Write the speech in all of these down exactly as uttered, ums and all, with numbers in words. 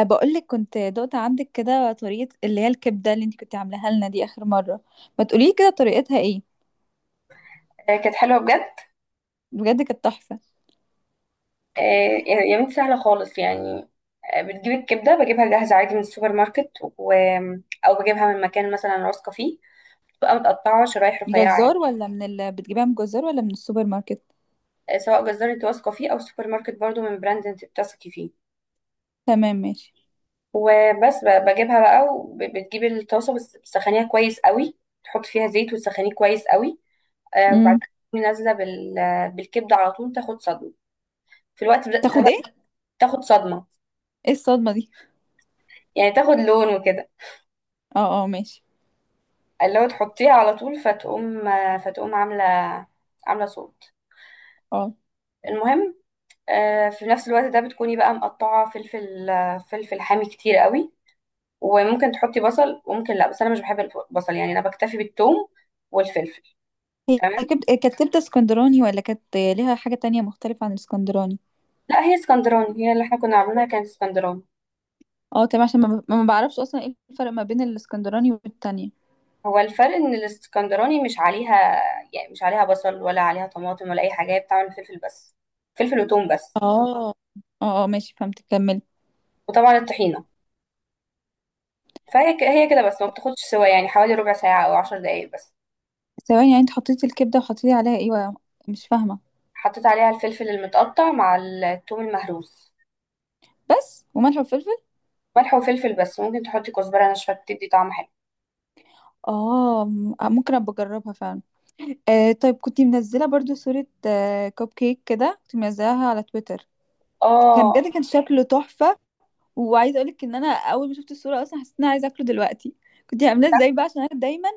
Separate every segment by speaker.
Speaker 1: بقولك كنت دقت عندك كده طريقة اللي هي الكبدة اللي انت كنت عاملاها لنا دي آخر مرة. ما تقولي كده طريقتها ايه؟
Speaker 2: آه، كانت حلوه بجد.
Speaker 1: بجد كانت تحفة.
Speaker 2: آه، يا بنتي سهله خالص يعني. آه، بتجيب الكبده، بجيبها جاهزه عادي من السوبر ماركت، و... او بجيبها من مكان مثلا واثقه فيه. تبقى متقطعه شرايح رفيعه عادي.
Speaker 1: جزار ولا من ال... بتجيبها من جزار ولا من السوبر ماركت؟
Speaker 2: آه، سواء جزار انت واثقه فيه او سوبر ماركت برضو من براند انت بتثقي فيه.
Speaker 1: تمام ماشي.
Speaker 2: وبس ب- بجيبها بقى، وبتجيبي الطاسه بس بتسخنيها كويس قوي. تحط فيها زيت وتسخنيه كويس قوي. آه، وبعدين
Speaker 1: امم
Speaker 2: تقومي نازله بال... بالكبده على طول، تاخد صدمه في الوقت ده ده
Speaker 1: تاخد
Speaker 2: بقى.
Speaker 1: ايه؟
Speaker 2: تاخد صدمه،
Speaker 1: ايه الصدمة دي؟
Speaker 2: يعني تاخد لون وكده.
Speaker 1: اه اه ماشي.
Speaker 2: اللي هو تحطيها على طول فتقوم فتقوم عاملة عاملة صوت.
Speaker 1: اه
Speaker 2: المهم، آه، في نفس الوقت ده بتكوني بقى مقطعة فلفل آه، فلفل حامي كتير قوي. وممكن تحطي بصل وممكن لا، بس انا مش بحب البصل يعني، انا بكتفي بالثوم والفلفل.
Speaker 1: هي هي
Speaker 2: تمام.
Speaker 1: كبد... كانت كبدة اسكندراني ولا كانت ليها حاجة تانية مختلفة عن الاسكندراني؟
Speaker 2: لا هي اسكندراني، هي اللي احنا كنا عاملينها كانت اسكندراني.
Speaker 1: اه تمام، عشان ما, ما بعرفش اصلا ايه الفرق ما بين الاسكندراني والتانية.
Speaker 2: هو الفرق ان الاسكندراني مش عليها. يعني مش عليها بصل ولا عليها طماطم ولا اي حاجة، هي بتعمل فلفل بس. فلفل وثوم بس.
Speaker 1: اه اه اه ماشي، فهمت، كملي.
Speaker 2: وطبعا الطحينة. فهي ك- هي كده بس، ما بتاخدش سوا يعني حوالي ربع ساعة أو عشر دقايق بس.
Speaker 1: ثواني، يعني انت حطيتي الكبدة وحطيتي عليها ايه؟ مش فاهمة.
Speaker 2: حطيت عليها الفلفل المتقطع مع الثوم المهروس.
Speaker 1: بس وملح وفلفل؟
Speaker 2: ملح وفلفل بس، ممكن تحطي كزبرة ناشفة بتدي طعم حلو.
Speaker 1: اه، م- ممكن ابقى اجربها فعلا. آه طيب، كنت منزله برضو صوره آه كوب كيك كده، كنت منزلها على تويتر. كان
Speaker 2: اه،
Speaker 1: بجد كان شكله تحفه، وعايزه اقولك ان انا اول ما شفت الصوره اصلا حسيت ان انا عايزه اكله دلوقتي. كنت عاملاه ازاي بقى؟ عشان انا دايما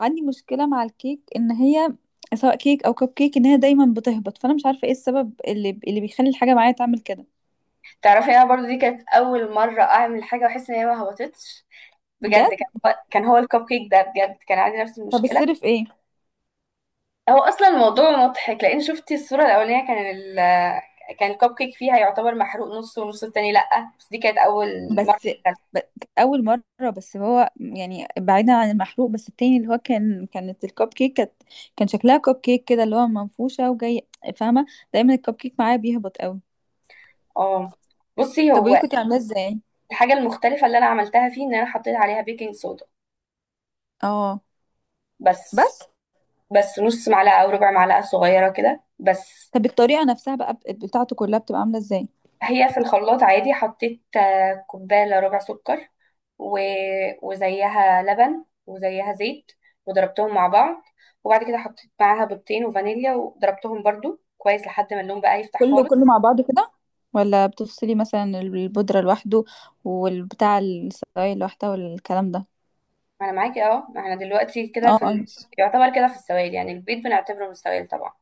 Speaker 1: عندي مشكله مع الكيك، ان هي سواء كيك او كوب كيك، ان هي دايما بتهبط، فانا مش عارفه ايه السبب اللي اللي بيخلي الحاجه معايا تعمل كده.
Speaker 2: تعرفي انا برضو دي كانت اول مرة اعمل حاجة واحس ان هي ما هبطتش. بجد
Speaker 1: بجد؟
Speaker 2: كان كان هو الكب كيك ده، بجد كان عندي نفس
Speaker 1: طب
Speaker 2: المشكلة.
Speaker 1: السر في ايه؟
Speaker 2: هو اصلا الموضوع مضحك، لان شفتي الصورة الاولانية كان ال كان الكب كيك فيها يعتبر محروق نص، ونص التاني لأ، بس دي كانت اول مرة.
Speaker 1: بس ب- اول مره، بس هو يعني بعيدا عن المحروق، بس التاني اللي هو كان كانت الكب كيك كانت، كان شكلها كب كيك كده اللي هو منفوشه وجاي، فاهمه؟ دايما الكب كيك معايا بيهبط قوي.
Speaker 2: اه، بصي
Speaker 1: طب ودي
Speaker 2: هو
Speaker 1: كنت عاملاه ازاي؟
Speaker 2: الحاجة المختلفة اللي أنا عملتها فيه إن أنا حطيت عليها بيكنج صودا
Speaker 1: اه.
Speaker 2: بس.
Speaker 1: بس.
Speaker 2: بس نص معلقة أو ربع معلقة صغيرة كده بس.
Speaker 1: طب الطريقه نفسها بقى بت- بتاعته كلها بتبقى عامله ازاي؟
Speaker 2: هي في الخلاط عادي، حطيت آه، كوباية إلا ربع سكر و... وزيها لبن وزيها زيت، وضربتهم مع بعض. وبعد كده حطيت معاها بيضتين وفانيليا، وضربتهم برضو كويس لحد ما اللون بقى يفتح
Speaker 1: كله
Speaker 2: خالص.
Speaker 1: كله مع بعضه كده، ولا بتفصلي مثلا البودره لوحده والبتاع السرايل لوحدها والكلام ده؟
Speaker 2: أنا معاكي، أه، ما احنا دلوقتي كده
Speaker 1: اه
Speaker 2: في ال...
Speaker 1: اه ماشي.
Speaker 2: يعتبر كده في السوائل، يعني البيض بنعتبره من السوائل طبعا.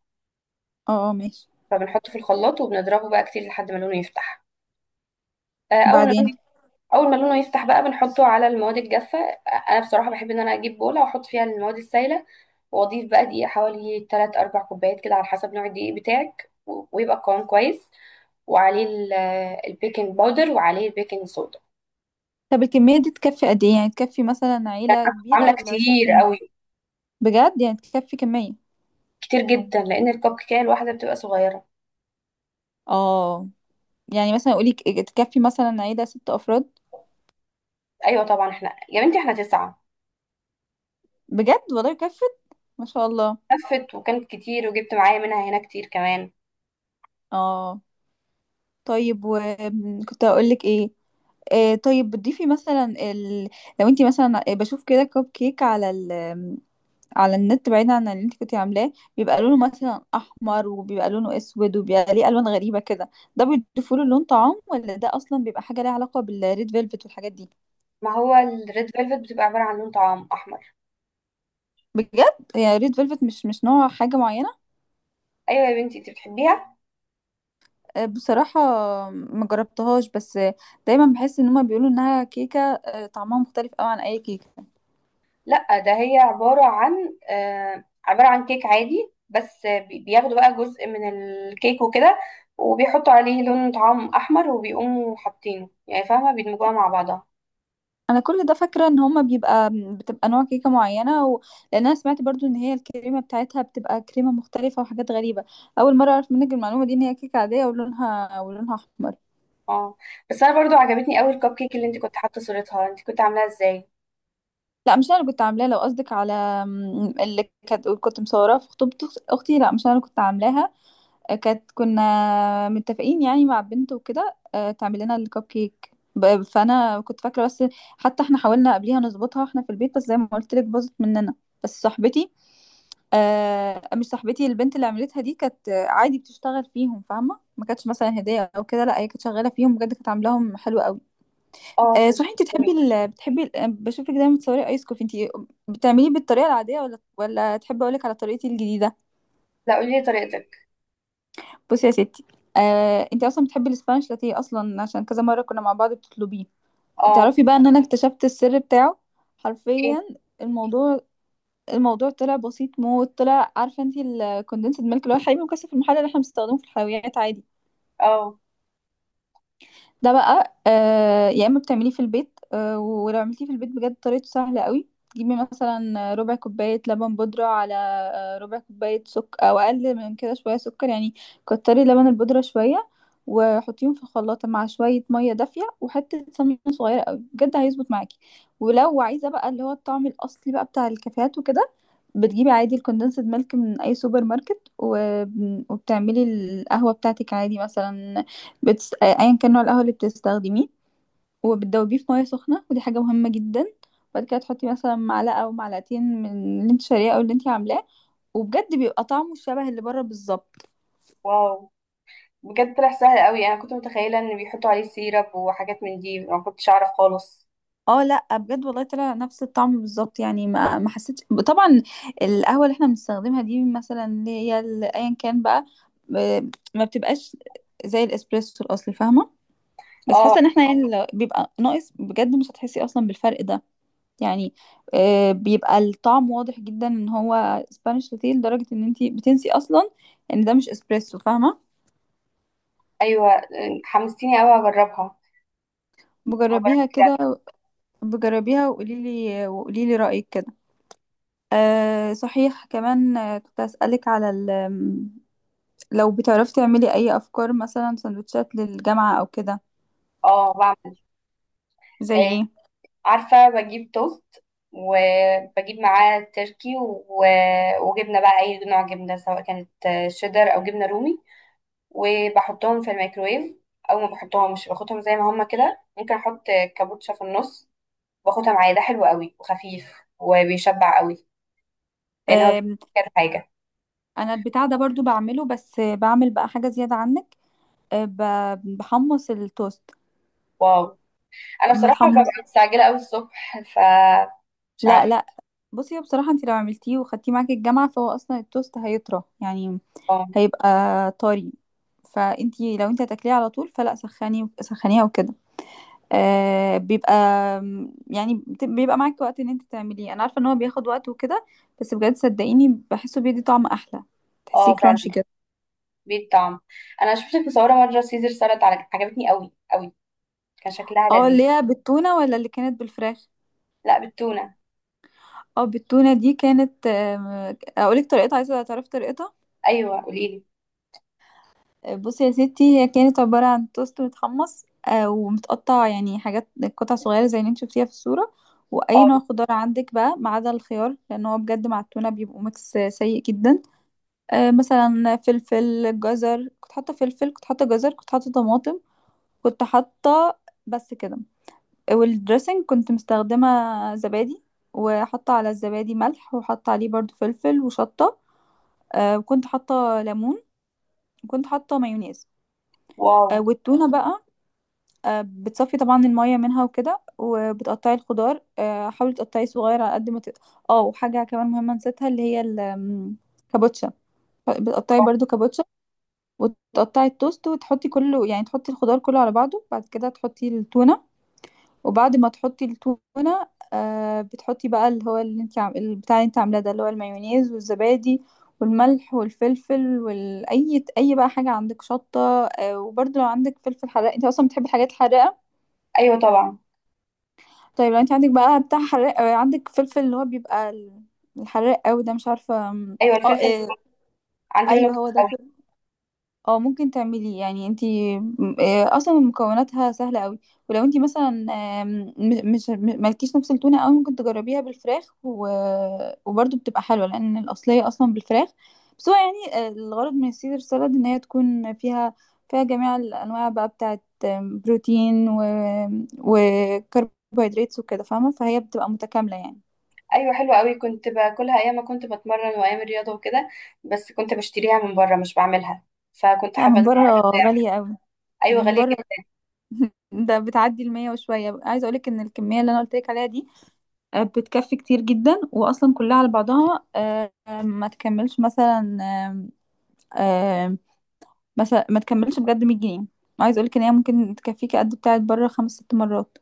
Speaker 1: اه اه ماشي.
Speaker 2: فبنحطه في الخلاط وبنضربه بقى كتير لحد ما لونه يفتح. آه، اول ما
Speaker 1: وبعدين؟
Speaker 2: اللون اول ما لونه يفتح بقى بنحطه على المواد الجافه. انا بصراحه بحب ان انا اجيب بوله واحط فيها المواد السائله. واضيف بقى دقيق حوالي ثلاث اربعة كوبايات كده على حسب نوع الدقيق بتاعك، و- ويبقى القوام كويس. وعليه ال- البيكنج باودر وعليه البيكنج صودا.
Speaker 1: طب الكمية دي تكفي قد ايه؟ يعني تكفي مثلا
Speaker 2: ده
Speaker 1: عيلة
Speaker 2: انا كنت
Speaker 1: كبيرة
Speaker 2: عامله
Speaker 1: ولا
Speaker 2: كتير
Speaker 1: شخصين؟
Speaker 2: قوي.
Speaker 1: بجد؟ يعني تكفي كمية.
Speaker 2: كتير جدا لان الكب كيكه الواحده بتبقى صغيره.
Speaker 1: اه، يعني مثلا قولي، ك- تكفي مثلا عيلة ست افراد؟
Speaker 2: ايوه طبعا، احنا يا بنتي احنا تسعه.
Speaker 1: بجد والله كفت؟ ما شاء الله.
Speaker 2: لفت، وكانت كتير وجبت معايا منها هنا كتير كمان.
Speaker 1: اه طيب، وكنت هقول لك ايه؟ آه طيب، بتضيفي مثلا ال... لو انتي مثلا، بشوف كده كب كيك على على النت بعيدا عن اللي انت كنتي عاملاه، بيبقى لونه مثلا احمر، وبيبقى لونه اسود، وبيبقى ليه الوان غريبه كده. ده بيضيفوا له لون طعام، ولا ده اصلا بيبقى حاجه ليها علاقه بالريد فيلفت والحاجات دي؟
Speaker 2: ما هو الريد فيلفت بتبقى عباره عن لون طعام احمر.
Speaker 1: بجد؟ هي ريد فيلفت مش مش نوع حاجه معينه؟
Speaker 2: ايوه يا بنتي انت بتحبيها.
Speaker 1: آه، بصراحه ما جربتهاش، بس آه، دايما بحس ان هما بيقولوا انها كيكه، آه، طعمها مختلف قوي عن اي كيكه.
Speaker 2: لا ده هي عبارة عن آه، عبارة عن كيك عادي، بس بي- بياخدوا بقى جزء من الكيك وكده. وبيحطوا عليه لون طعام أحمر وبيقوموا حاطينه، يعني فاهمة، بيدمجوها مع بعضها.
Speaker 1: انا كل ده فاكره ان هما بيبقى بتبقى نوع كيكه معينه و... لان انا سمعت برضو ان هي الكريمه بتاعتها بتبقى كريمه مختلفه وحاجات غريبه. اول مره اعرف منك المعلومه دي، ان هي كيكه عاديه ولونها ولونها احمر.
Speaker 2: اه، بس أنا برضو عجبتني أوي الكب كيك اللي انت كنت حاطة صورتها، انت كنت عاملاها ازاي؟
Speaker 1: لا، مش انا اللي كنت عاملاها. لو قصدك على م، اللي كانت كنت مصوراها في خطوبه اختي، لا مش انا اللي كنت عاملاها. كانت كنا متفقين يعني مع بنت وكده، آه، تعمل لنا الكب كيك، ب- فانا كنت فاكره بس. حتى احنا حاولنا قبليها نظبطها احنا في البيت، بس زي ما قلت لك باظت مننا. بس صاحبتي، آه مش صاحبتي، البنت اللي عملتها دي كانت آه، عادي بتشتغل فيهم، فاهمه؟ ما كانتش مثلا هديه او كده، لا هي كانت شغاله فيهم بجد، كانت عاملاهم حلو قوي.
Speaker 2: اه،
Speaker 1: آه
Speaker 2: كان
Speaker 1: صحيح،
Speaker 2: شكلها
Speaker 1: انت
Speaker 2: جميل.
Speaker 1: بتحبي ال... بتحبي ال... آه، بشوفك دايما بتصوري ايس كوفي، انت بتعمليه بالطريقه العاديه، ولا ولا تحبي اقول لك على طريقتي الجديده؟
Speaker 2: لا، قولي لي طريقتك.
Speaker 1: بصي يا ستي. آه انت اصلا بتحبي الاسبانيش لاتيه اصلا، عشان كذا مره كنا مع بعض بتطلبيه.
Speaker 2: اه،
Speaker 1: تعرفي بقى ان انا اكتشفت السر بتاعه؟
Speaker 2: ايه.
Speaker 1: حرفيا. الموضوع الموضوع طلع بسيط موت. طلع، عارفه انت الكوندنسد ميلك، اللي هو الحليب المكثف المحلى اللي احنا بنستخدمه في الحلويات عادي؟
Speaker 2: اه،
Speaker 1: ده بقى آه يا اما بتعمليه في البيت، آه ولو عملتيه في البيت بجد طريقته سهله قوي. تجيبي مثلا ربع كوبايه لبن بودره على، آه، ربع كوبايه سكر، او اقل من كده شويه سكر يعني، كتري لبن البودره شويه، وحطيهم في الخلاطه مع شويه ميه دافيه وحته سمنه صغيره قوي، بجد هيظبط معاكي. ولو عايزه بقى اللي هو الطعم الاصلي بقى بتاع الكافيهات وكده، بتجيبي عادي الكوندنسد ميلك من اي سوبر ماركت، وب- وبتعملي القهوه بتاعتك عادي، مثلا بتس... ايا كان نوع القهوه اللي بتستخدميه، وبتدوبيه في ميه سخنه، ودي حاجه مهمه جدا. بعد كده تحطي مثلا معلقه او معلقتين من اللي انت شارياه او اللي انت عاملاه، وبجد بيبقى طعمه شبه اللي بره بالظبط.
Speaker 2: واو، بجد طلع سهل أوي، أنا كنت متخيلة إن بيحطوا عليه سيرب وحاجات من دي، ما كنتش أعرف خالص.
Speaker 1: اه لا بجد والله طلع نفس الطعم بالظبط. يعني ما ما حسيتش، طبعا القهوه اللي احنا بنستخدمها دي مثلا اللي هي ال- ايا كان بقى، ب- ما بتبقاش زي الاسبريسو الاصلي، فاهمه؟ بس
Speaker 2: اه،
Speaker 1: حاسه ان احنا يعني لو بيبقى ناقص، بجد مش هتحسي اصلا بالفرق ده. يعني، آه، بيبقى الطعم واضح جدا ان هو سبانيش لاتيه، لدرجه ان انتي بتنسي اصلا ان ده مش اسبريسو، فاهمه؟
Speaker 2: أيوه، حمستيني أوي أجربها،
Speaker 1: بجربيها
Speaker 2: هجربها.
Speaker 1: كده، بجربيها وقولي لي، وقولي لي رايك كده. أه صحيح كمان، آه، كنت اسالك على ال- آم، لو بتعرفي تعملي اي افكار مثلا سندوتشات للجامعه او كده؟
Speaker 2: اه، بعمل
Speaker 1: زي
Speaker 2: آه،
Speaker 1: ايه؟
Speaker 2: عارفة، بجيب توست وبجيب معاه تركي و... وجبنة بقى أي نوع جبنة، سواء كانت آه، شيدر أو جبنة رومي، وبحطهم في الميكرويف. أو ما بحطهمش، باخدهم زي ما هما كده. ممكن أحط كابوتشا في النص. باخدها معايا، ده حلو قوي وخفيف، وبيشبع قوي لأن هو بيبقى
Speaker 1: أه،
Speaker 2: كذا حاجة.
Speaker 1: انا البتاع ده برضو بعمله، بس آه، بعمل بقى حاجه زياده عنك، آه، ب- بحمص التوست.
Speaker 2: واو، أنا بصراحة ببقى
Speaker 1: متحمص؟
Speaker 2: مستعجلة أوي الصبح فمش
Speaker 1: لا
Speaker 2: عارفة.
Speaker 1: لا. بصي، هو بصراحة انت لو عملتيه وخدتيه معاكي الجامعة، فهو اصلا التوست هيطرى يعني،
Speaker 2: اه،
Speaker 1: هيبقى طري. فانت لو انت هتاكليه على طول، فلا، سخني سخنيها وكده. آه بيبقى، يعني بت- بيبقى معاكي وقت ان انت تعمليه، انا عارفة ان هو بياخد وقت وكده، بس بجد صدقيني بحسه بيدي طعم احلى،
Speaker 2: اه،
Speaker 1: تحسيه كرانشي
Speaker 2: فعلا
Speaker 1: كده.
Speaker 2: بيه الطعم. أنا شفتك مصورة مرة سيزر سلطة عجبتني قوي قوي، كان شكلها
Speaker 1: اه
Speaker 2: لذيذ.
Speaker 1: اللي هي بالتونة ولا اللي كانت بالفراخ؟
Speaker 2: لا، بالتونة.
Speaker 1: اه، بالتونة دي كانت، آه، اقولك طريقتها؟ عايزة تعرفي طريقتها؟
Speaker 2: ايوه قولي لي.
Speaker 1: بصي يا ستي، هي كانت عبارة عن توست متحمص آه، ومتقطع، يعني حاجات قطع صغيرة زي اللي انت شفتيها في الصورة، وأي
Speaker 2: اه،
Speaker 1: نوع خضار عندك بقى ما عدا الخيار، لأن هو بجد مع التونة بيبقوا ميكس سيء جدا. آه، مثلا فلفل، جزر، كنت حاطة فلفل، كنت حاطة جزر، كنت حاطة طماطم، كنت حاطة، بس كده. والدريسنج كنت مستخدمة زبادي، وحاطة على الزبادي ملح، وحاطة عليه برضو فلفل وشطة، آه، وكنت حاطة ليمون، وكنت حاطة مايونيز.
Speaker 2: واو.
Speaker 1: آه، والتونة بقى، آه، بتصفي طبعا المية منها وكده، وبتقطعي الخضار، آه، حاولي تقطعيه صغير على قد ما تقدر. اه وحاجة كمان مهمة نسيتها، اللي هي الكابوتشا، بتقطعي برضو كابوتشا، وتقطعي التوست، وتحطي كله، يعني تحطي الخضار كله على بعضه، بعد كده تحطي التونة، وبعد ما تحطي التونة آه، بتحطي بقى اللي هو، اللي انت عم... البتاع اللي انت عاملاه ده، اللي هو المايونيز والزبادي والملح والفلفل، والاي اي بقى حاجه عندك، شطه، آه، وبرضو لو عندك فلفل حراق، انت اصلا بتحبي الحاجات الحراقه.
Speaker 2: ايوه طبعا.
Speaker 1: طيب لو انت عندك بقى بتاع حراق، آه، عندك فلفل اللي هو بيبقى ال- الحراق قوي ده، مش عارفه.
Speaker 2: ايوه
Speaker 1: اه
Speaker 2: الفلفل
Speaker 1: آه،
Speaker 2: عندي منه
Speaker 1: ايوه
Speaker 2: كتير
Speaker 1: هو
Speaker 2: قوي.
Speaker 1: ده. اه، ممكن تعملي، يعني انتي م- آه، اصلا مكوناتها سهله قوي. ولو انتي مثلا آم، م- مش م- مالكيش نفس التونه قوي، ممكن تجربيها بالفراخ و... وبرضه بتبقى حلوه، لان الاصليه اصلا بالفراخ. بس هو يعني، آه، الغرض من السيزر سالاد ان هي تكون فيها فيها جميع الانواع بقى بتاعت، آم، بروتين و... وكربوهيدرات وكده، فاهمه؟ فهي بتبقى متكامله يعني.
Speaker 2: ايوه حلوه قوي، كنت باكلها ايام ما كنت بتمرن وايام الرياضه وكده، بس كنت بشتريها من بره مش بعملها، فكنت
Speaker 1: لا
Speaker 2: حابه
Speaker 1: من
Speaker 2: ان أنا
Speaker 1: بره
Speaker 2: اعرف بتاع.
Speaker 1: غاليه قوي.
Speaker 2: ايوه
Speaker 1: من
Speaker 2: غاليه
Speaker 1: بره
Speaker 2: جدا.
Speaker 1: ده بتعدي المية وشوية. عايزة اقولك ان الكمية اللي انا قلتلك عليها دي، آه، بتكفي كتير جدا، واصلا كلها على بعضها آه، آه، ما تكملش مثلا آه، آه، مثلا ما تكملش بجد مية جنيه. عايز اقولك ان هي ممكن تكفيك قد بتاعت بره خمس ست مرات.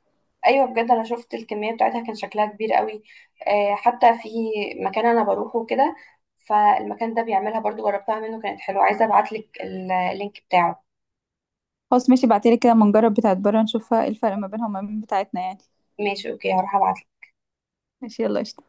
Speaker 2: ايوه بجد انا شفت الكميه بتاعتها كان شكلها كبير قوي. آه حتى في مكان انا بروحه كده، فالمكان ده بيعملها برضو، جربتها منه كانت حلوه، عايزه ابعت لك اللينك بتاعه.
Speaker 1: خلاص ماشي، بعتلي كده، ما نجرب بتاعت بره، نشوف الفرق ما بينها وما بين بتاعتنا يعني.
Speaker 2: ماشي اوكي، هروح ابعت.
Speaker 1: ماشي، يلا قشطة.